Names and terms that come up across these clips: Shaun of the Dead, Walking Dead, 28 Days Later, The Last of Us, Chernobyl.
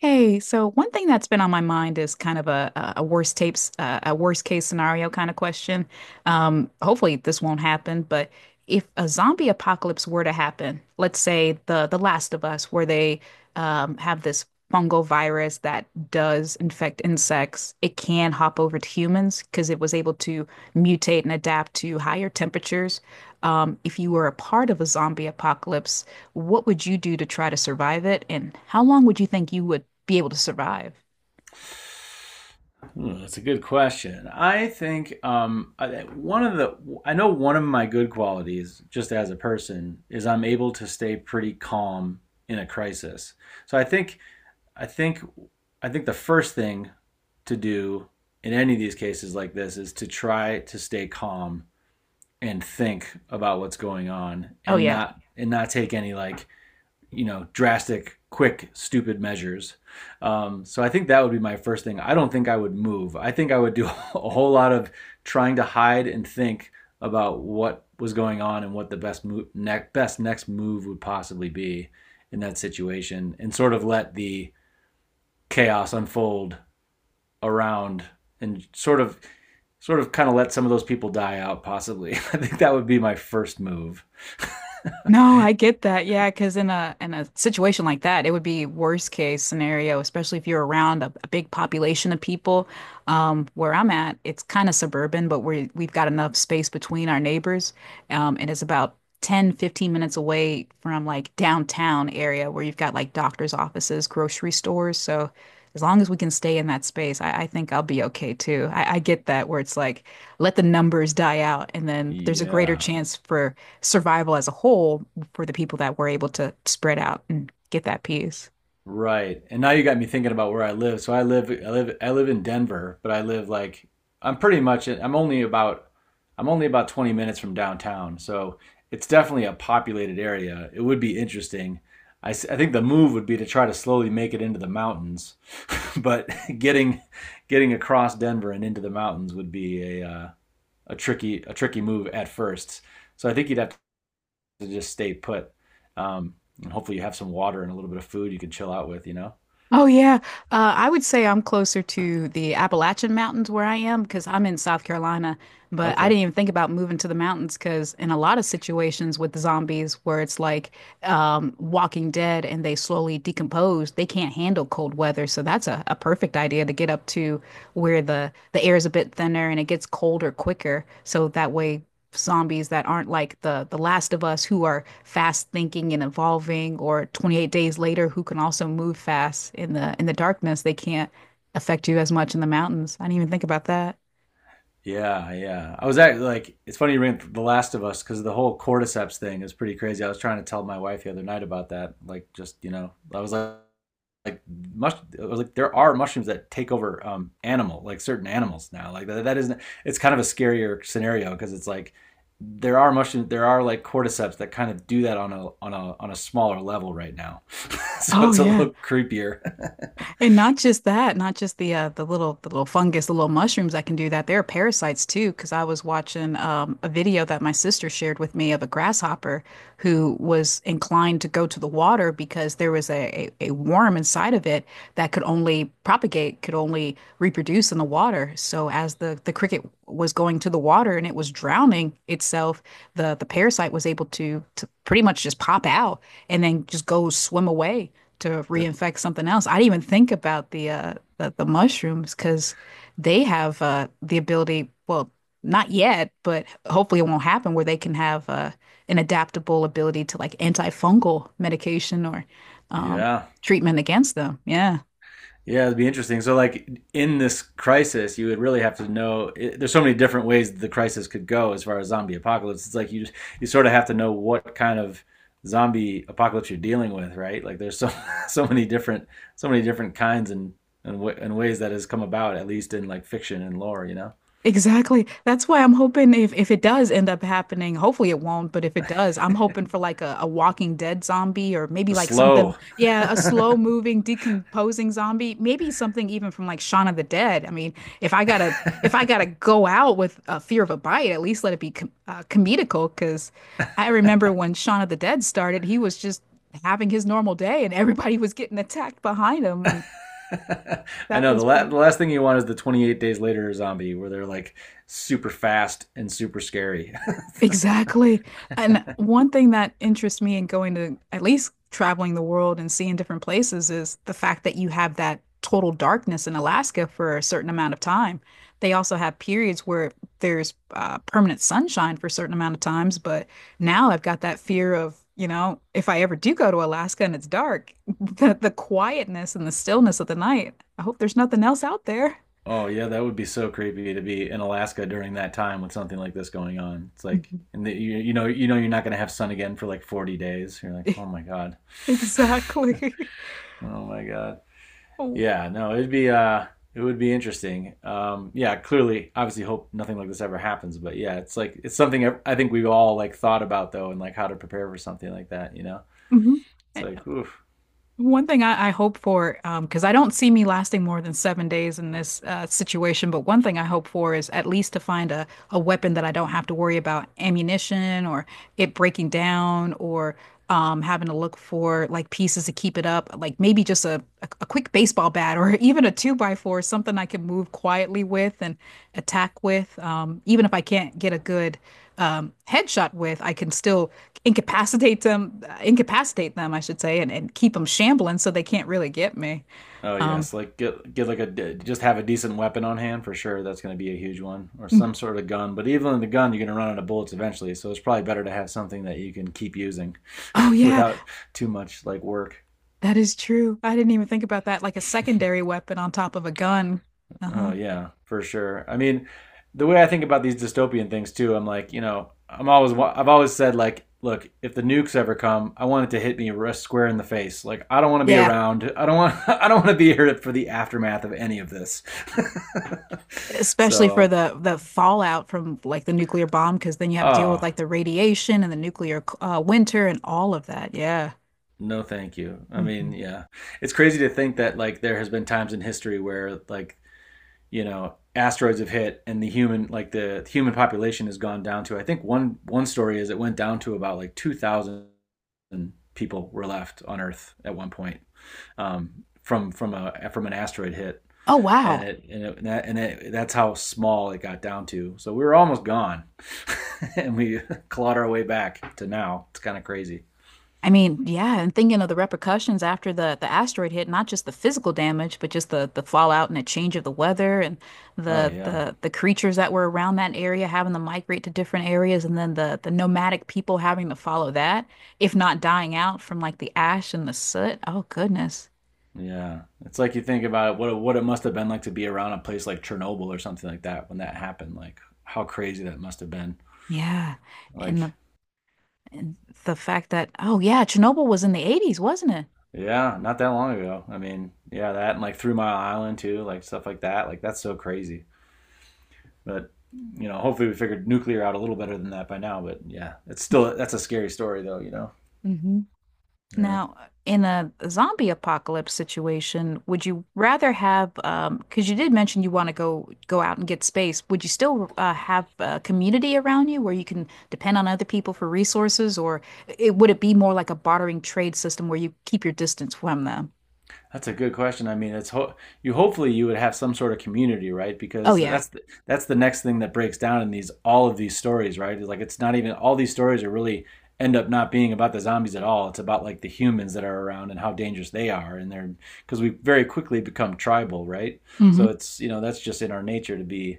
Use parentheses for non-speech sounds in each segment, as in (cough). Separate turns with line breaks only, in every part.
Hey, so one thing that's been on my mind is kind of a worst tapes a worst case scenario kind of question. Hopefully this won't happen, but if a zombie apocalypse were to happen, let's say The Last of Us, where they have this fungal virus that does infect insects, it can hop over to humans because it was able to mutate and adapt to higher temperatures. If you were a part of a zombie apocalypse, what would you do to try to survive it? And how long would you think you would be able to survive?
Hmm, that's a good question. One of the I know one of my good qualities, just as a person, is I'm able to stay pretty calm in a crisis. So I think I think the first thing to do in any of these cases like this is to try to stay calm and think about what's going on
Oh,
and
yeah.
not take any like drastic, quick, stupid measures. So I think that would be my first thing. I don't think I would move. I think I would do (laughs) a whole lot of trying to hide and think about what was going on and what the best next move would possibly be in that situation, and sort of let the chaos unfold around and sort of kind of let some of those people die out possibly. (laughs) I think that would be my first move. (laughs)
No, I get that. Yeah, because in a situation like that, it would be worst case scenario, especially if you're around a big population of people. Where I'm at, it's kind of suburban, but we've got enough space between our neighbors. And it's about 10 to 15 minutes away from like downtown area where you've got like doctor's offices, grocery stores. So as long as we can stay in that space, I think I'll be okay too. I get that where it's like let the numbers die out, and then there's a greater
Yeah.
chance for survival as a whole for the people that were able to spread out and get that peace.
Right. And now you got me thinking about where I live. So I live in Denver, but I live like I'm pretty much I'm only about I'm only about 20 minutes from downtown. So it's definitely a populated area. It would be interesting. I think the move would be to try to slowly make it into the mountains, (laughs) but getting getting across Denver and into the mountains would be a tricky move at first. So I think you'd have to just stay put. Um, and hopefully you have some water and a little bit of food you can chill out with, you know?
Oh yeah, I would say I'm closer to the Appalachian Mountains where I am because I'm in South Carolina. But I
Okay.
didn't even think about moving to the mountains because in a lot of situations with zombies where it's like Walking Dead and they slowly decompose, they can't handle cold weather. So that's a perfect idea to get up to where the air is a bit thinner and it gets colder quicker. So that way zombies that aren't like the Last of Us who are fast thinking and evolving or 28 days later who can also move fast in the darkness. They can't affect you as much in the mountains. I didn't even think about that.
Yeah, yeah. I was actually like, it's funny you bring up The Last of Us because the whole cordyceps thing is pretty crazy. I was trying to tell my wife the other night about that. Like, just you know, I was like, mush, I was like, there are mushrooms that take over animal, like certain animals now. Like that, that isn't. It's kind of a scarier scenario because it's like there are mushrooms, there are like cordyceps that kind of do that on a smaller level right now. (laughs) So
Oh
it's a
yeah.
little creepier.
And not just that, not just the little fungus, the little mushrooms that can do that. There are parasites too, because I was watching a video that my sister shared with me of a grasshopper who was inclined to go to the water because there was a worm inside of it that could only propagate, could only reproduce in the water. So as the cricket was going to the water and it was drowning itself, the parasite was able to pretty much just pop out and then just go swim away to
(laughs) That,
reinfect something else. I didn't even think about the mushrooms because they have the ability, well, not yet, but hopefully it won't happen where they can have an adaptable ability to like antifungal medication or um
yeah.
treatment against them. Yeah.
Yeah, it'd be interesting. So, like in this crisis, you would really have to know. There's so many different ways the crisis could go as far as zombie apocalypse. It's like you just, you sort of have to know what kind of zombie apocalypse you're dealing with, right? Like there's so (laughs) so many different so many different kinds and and ways that has come about, at least in like fiction and lore. You know,
Exactly. That's why I'm hoping if it does end up happening, hopefully it won't, but if it does, I'm hoping for like a Walking Dead zombie or maybe
the
like something,
slow.
yeah, a slow
(laughs)
moving, decomposing zombie, maybe something even from like Shaun of the Dead. I mean, if I gotta if I gotta go out with a fear of a bite, at least let it be comedical, because I remember when Shaun of the Dead started, he was just having his normal day and everybody was getting attacked behind him, and
I
that
know
was pretty.
the last thing you want is the 28 days later zombie where they're like super fast and super scary. (laughs)
Exactly. And one thing that interests me in going to at least traveling the world and seeing different places is the fact that you have that total darkness in Alaska for a certain amount of time. They also have periods where there's permanent sunshine for a certain amount of times, but now I've got that fear of, you know, if I ever do go to Alaska and it's dark, (laughs) the quietness and the stillness of the night. I hope there's nothing else out there.
Oh yeah, that would be so creepy to be in Alaska during that time with something like this going on. It's like,
(laughs)
and the, you know you're not gonna have sun again for like 40 days. You're like, oh my god,
Exactly.
(laughs) oh my god.
(laughs)
Yeah, no, it'd be it would be interesting. Yeah, clearly, obviously, hope nothing like this ever happens. But yeah, it's like it's something I think we've all like thought about though, and like how to prepare for something like that. You know,
Mhm.
it's like, oof.
One thing I hope for, because I don't see me lasting more than 7 days in this situation, but one thing I hope for is at least to find a weapon that I don't have to worry about ammunition or it breaking down or having to look for like pieces to keep it up, like maybe just a quick baseball bat or (laughs) even a two by four, something I can move quietly with and attack with. Even if I can't get a good headshot with, I can still incapacitate them, I should say, and keep them shambling so they can't really get me.
Oh
Um,
yes, like get like just have a decent weapon on hand for sure. That's going to be a huge one, or
mm,
some sort of gun. But even in the gun, you're going to run out of bullets eventually. So it's probably better to have something that you can keep using
oh
(laughs)
yeah,
without too much like work.
that is true. I didn't even think about that. Like a secondary weapon on top of a gun. Uh-huh.
Oh yeah, for sure. I mean, the way I think about these dystopian things too, I'm like, you know, I've always said like, look, if the nukes ever come, I want it to hit me square in the face. Like I don't want to be
Yeah,
around. I don't want (laughs) I don't want to be here for the aftermath of any of this. (laughs)
especially for
So,
the fallout from like the nuclear bomb, because then you have to deal with
oh,
like the radiation and the nuclear winter and all of that. Yeah.
no, thank you. I mean,
Mhm.
yeah. It's crazy to think that like there has been times in history where like, you know, asteroids have hit and the human like the human population has gone down to, I think, one story is it went down to about like 2000 people were left on earth at one point, from a from an asteroid hit.
Oh
And
wow.
it and it, and, that, and it, That's how small it got down to. So we were almost gone, (laughs) and we clawed our way back to now. It's kind of crazy.
I mean, yeah, and thinking of the repercussions after the asteroid hit, not just the physical damage, but just the fallout and the change of the weather and
Oh yeah.
the creatures that were around that area having to migrate to different areas and then the nomadic people having to follow that, if not dying out from like the ash and the soot. Oh goodness.
Yeah, it's like you think about it, what it must have been like to be around a place like Chernobyl or something like that when that happened. Like how crazy that must have been.
Yeah. And
Like,
the, and the fact that oh yeah, Chernobyl was in the 80s, wasn't it?
yeah, not that long ago. I mean, yeah, that and like Three Mile Island too, like stuff like that. Like that's so crazy. But you know, hopefully we figured nuclear out a little better than that by now. But yeah, it's still, that's a scary story though. You know.
Mhm.
Yeah.
Now, in a zombie apocalypse situation, would you rather have, because you did mention you want to go out and get space, would you still have a community around you where you can depend on other people for resources, or would it be more like a bartering trade system where you keep your distance from them?
That's a good question. I mean, it's ho- you. Hopefully, you would have some sort of community, right?
Oh
Because
yeah.
that's the next thing that breaks down in these, all of these stories, right? It's like it's not even, all these stories are really end up not being about the zombies at all. It's about like the humans that are around and how dangerous they are, and they're, because we very quickly become tribal, right? So it's, you know, that's just in our nature to be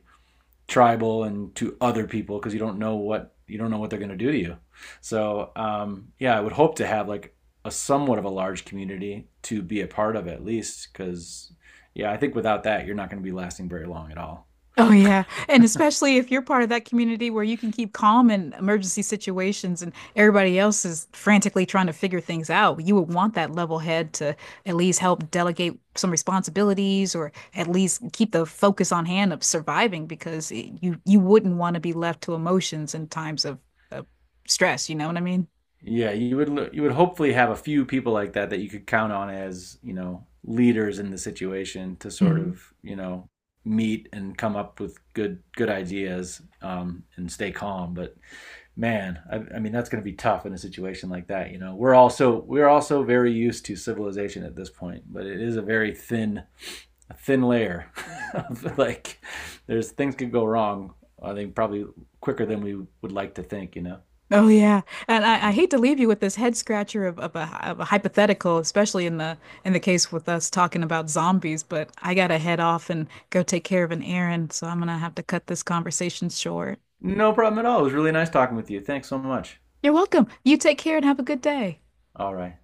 tribal and to other people because you don't know what you don't know what they're going to do to you. So yeah, I would hope to have like a somewhat of a large community to be a part of, at least, because yeah, I think without that you're not going to be lasting very long at all.
Oh yeah, and especially if you're part of that community where you can keep calm in emergency situations and everybody else is frantically trying to figure things out, you would want that level head to at least help delegate some responsibilities or at least keep the focus on hand of surviving because you you wouldn't want to be left to emotions in times of stress, you know what I mean?
Yeah, you would hopefully have a few people like that that you could count on as, you know, leaders in the situation to sort of, you know, meet and come up with good ideas, and stay calm. But man, I mean, that's going to be tough in a situation like that. You know, we're also very used to civilization at this point, but it is a very thin a thin layer (laughs) of, like, there's, things could go wrong. I think probably quicker than we would like to think. You know,
Oh yeah, and I hate to leave you with this head scratcher of a hypothetical, especially in the case with us talking about zombies. But I gotta head off and go take care of an errand, so I'm gonna have to cut this conversation short.
no problem at all. It was really nice talking with you. Thanks so much.
You're welcome. You take care and have a good day.
All right.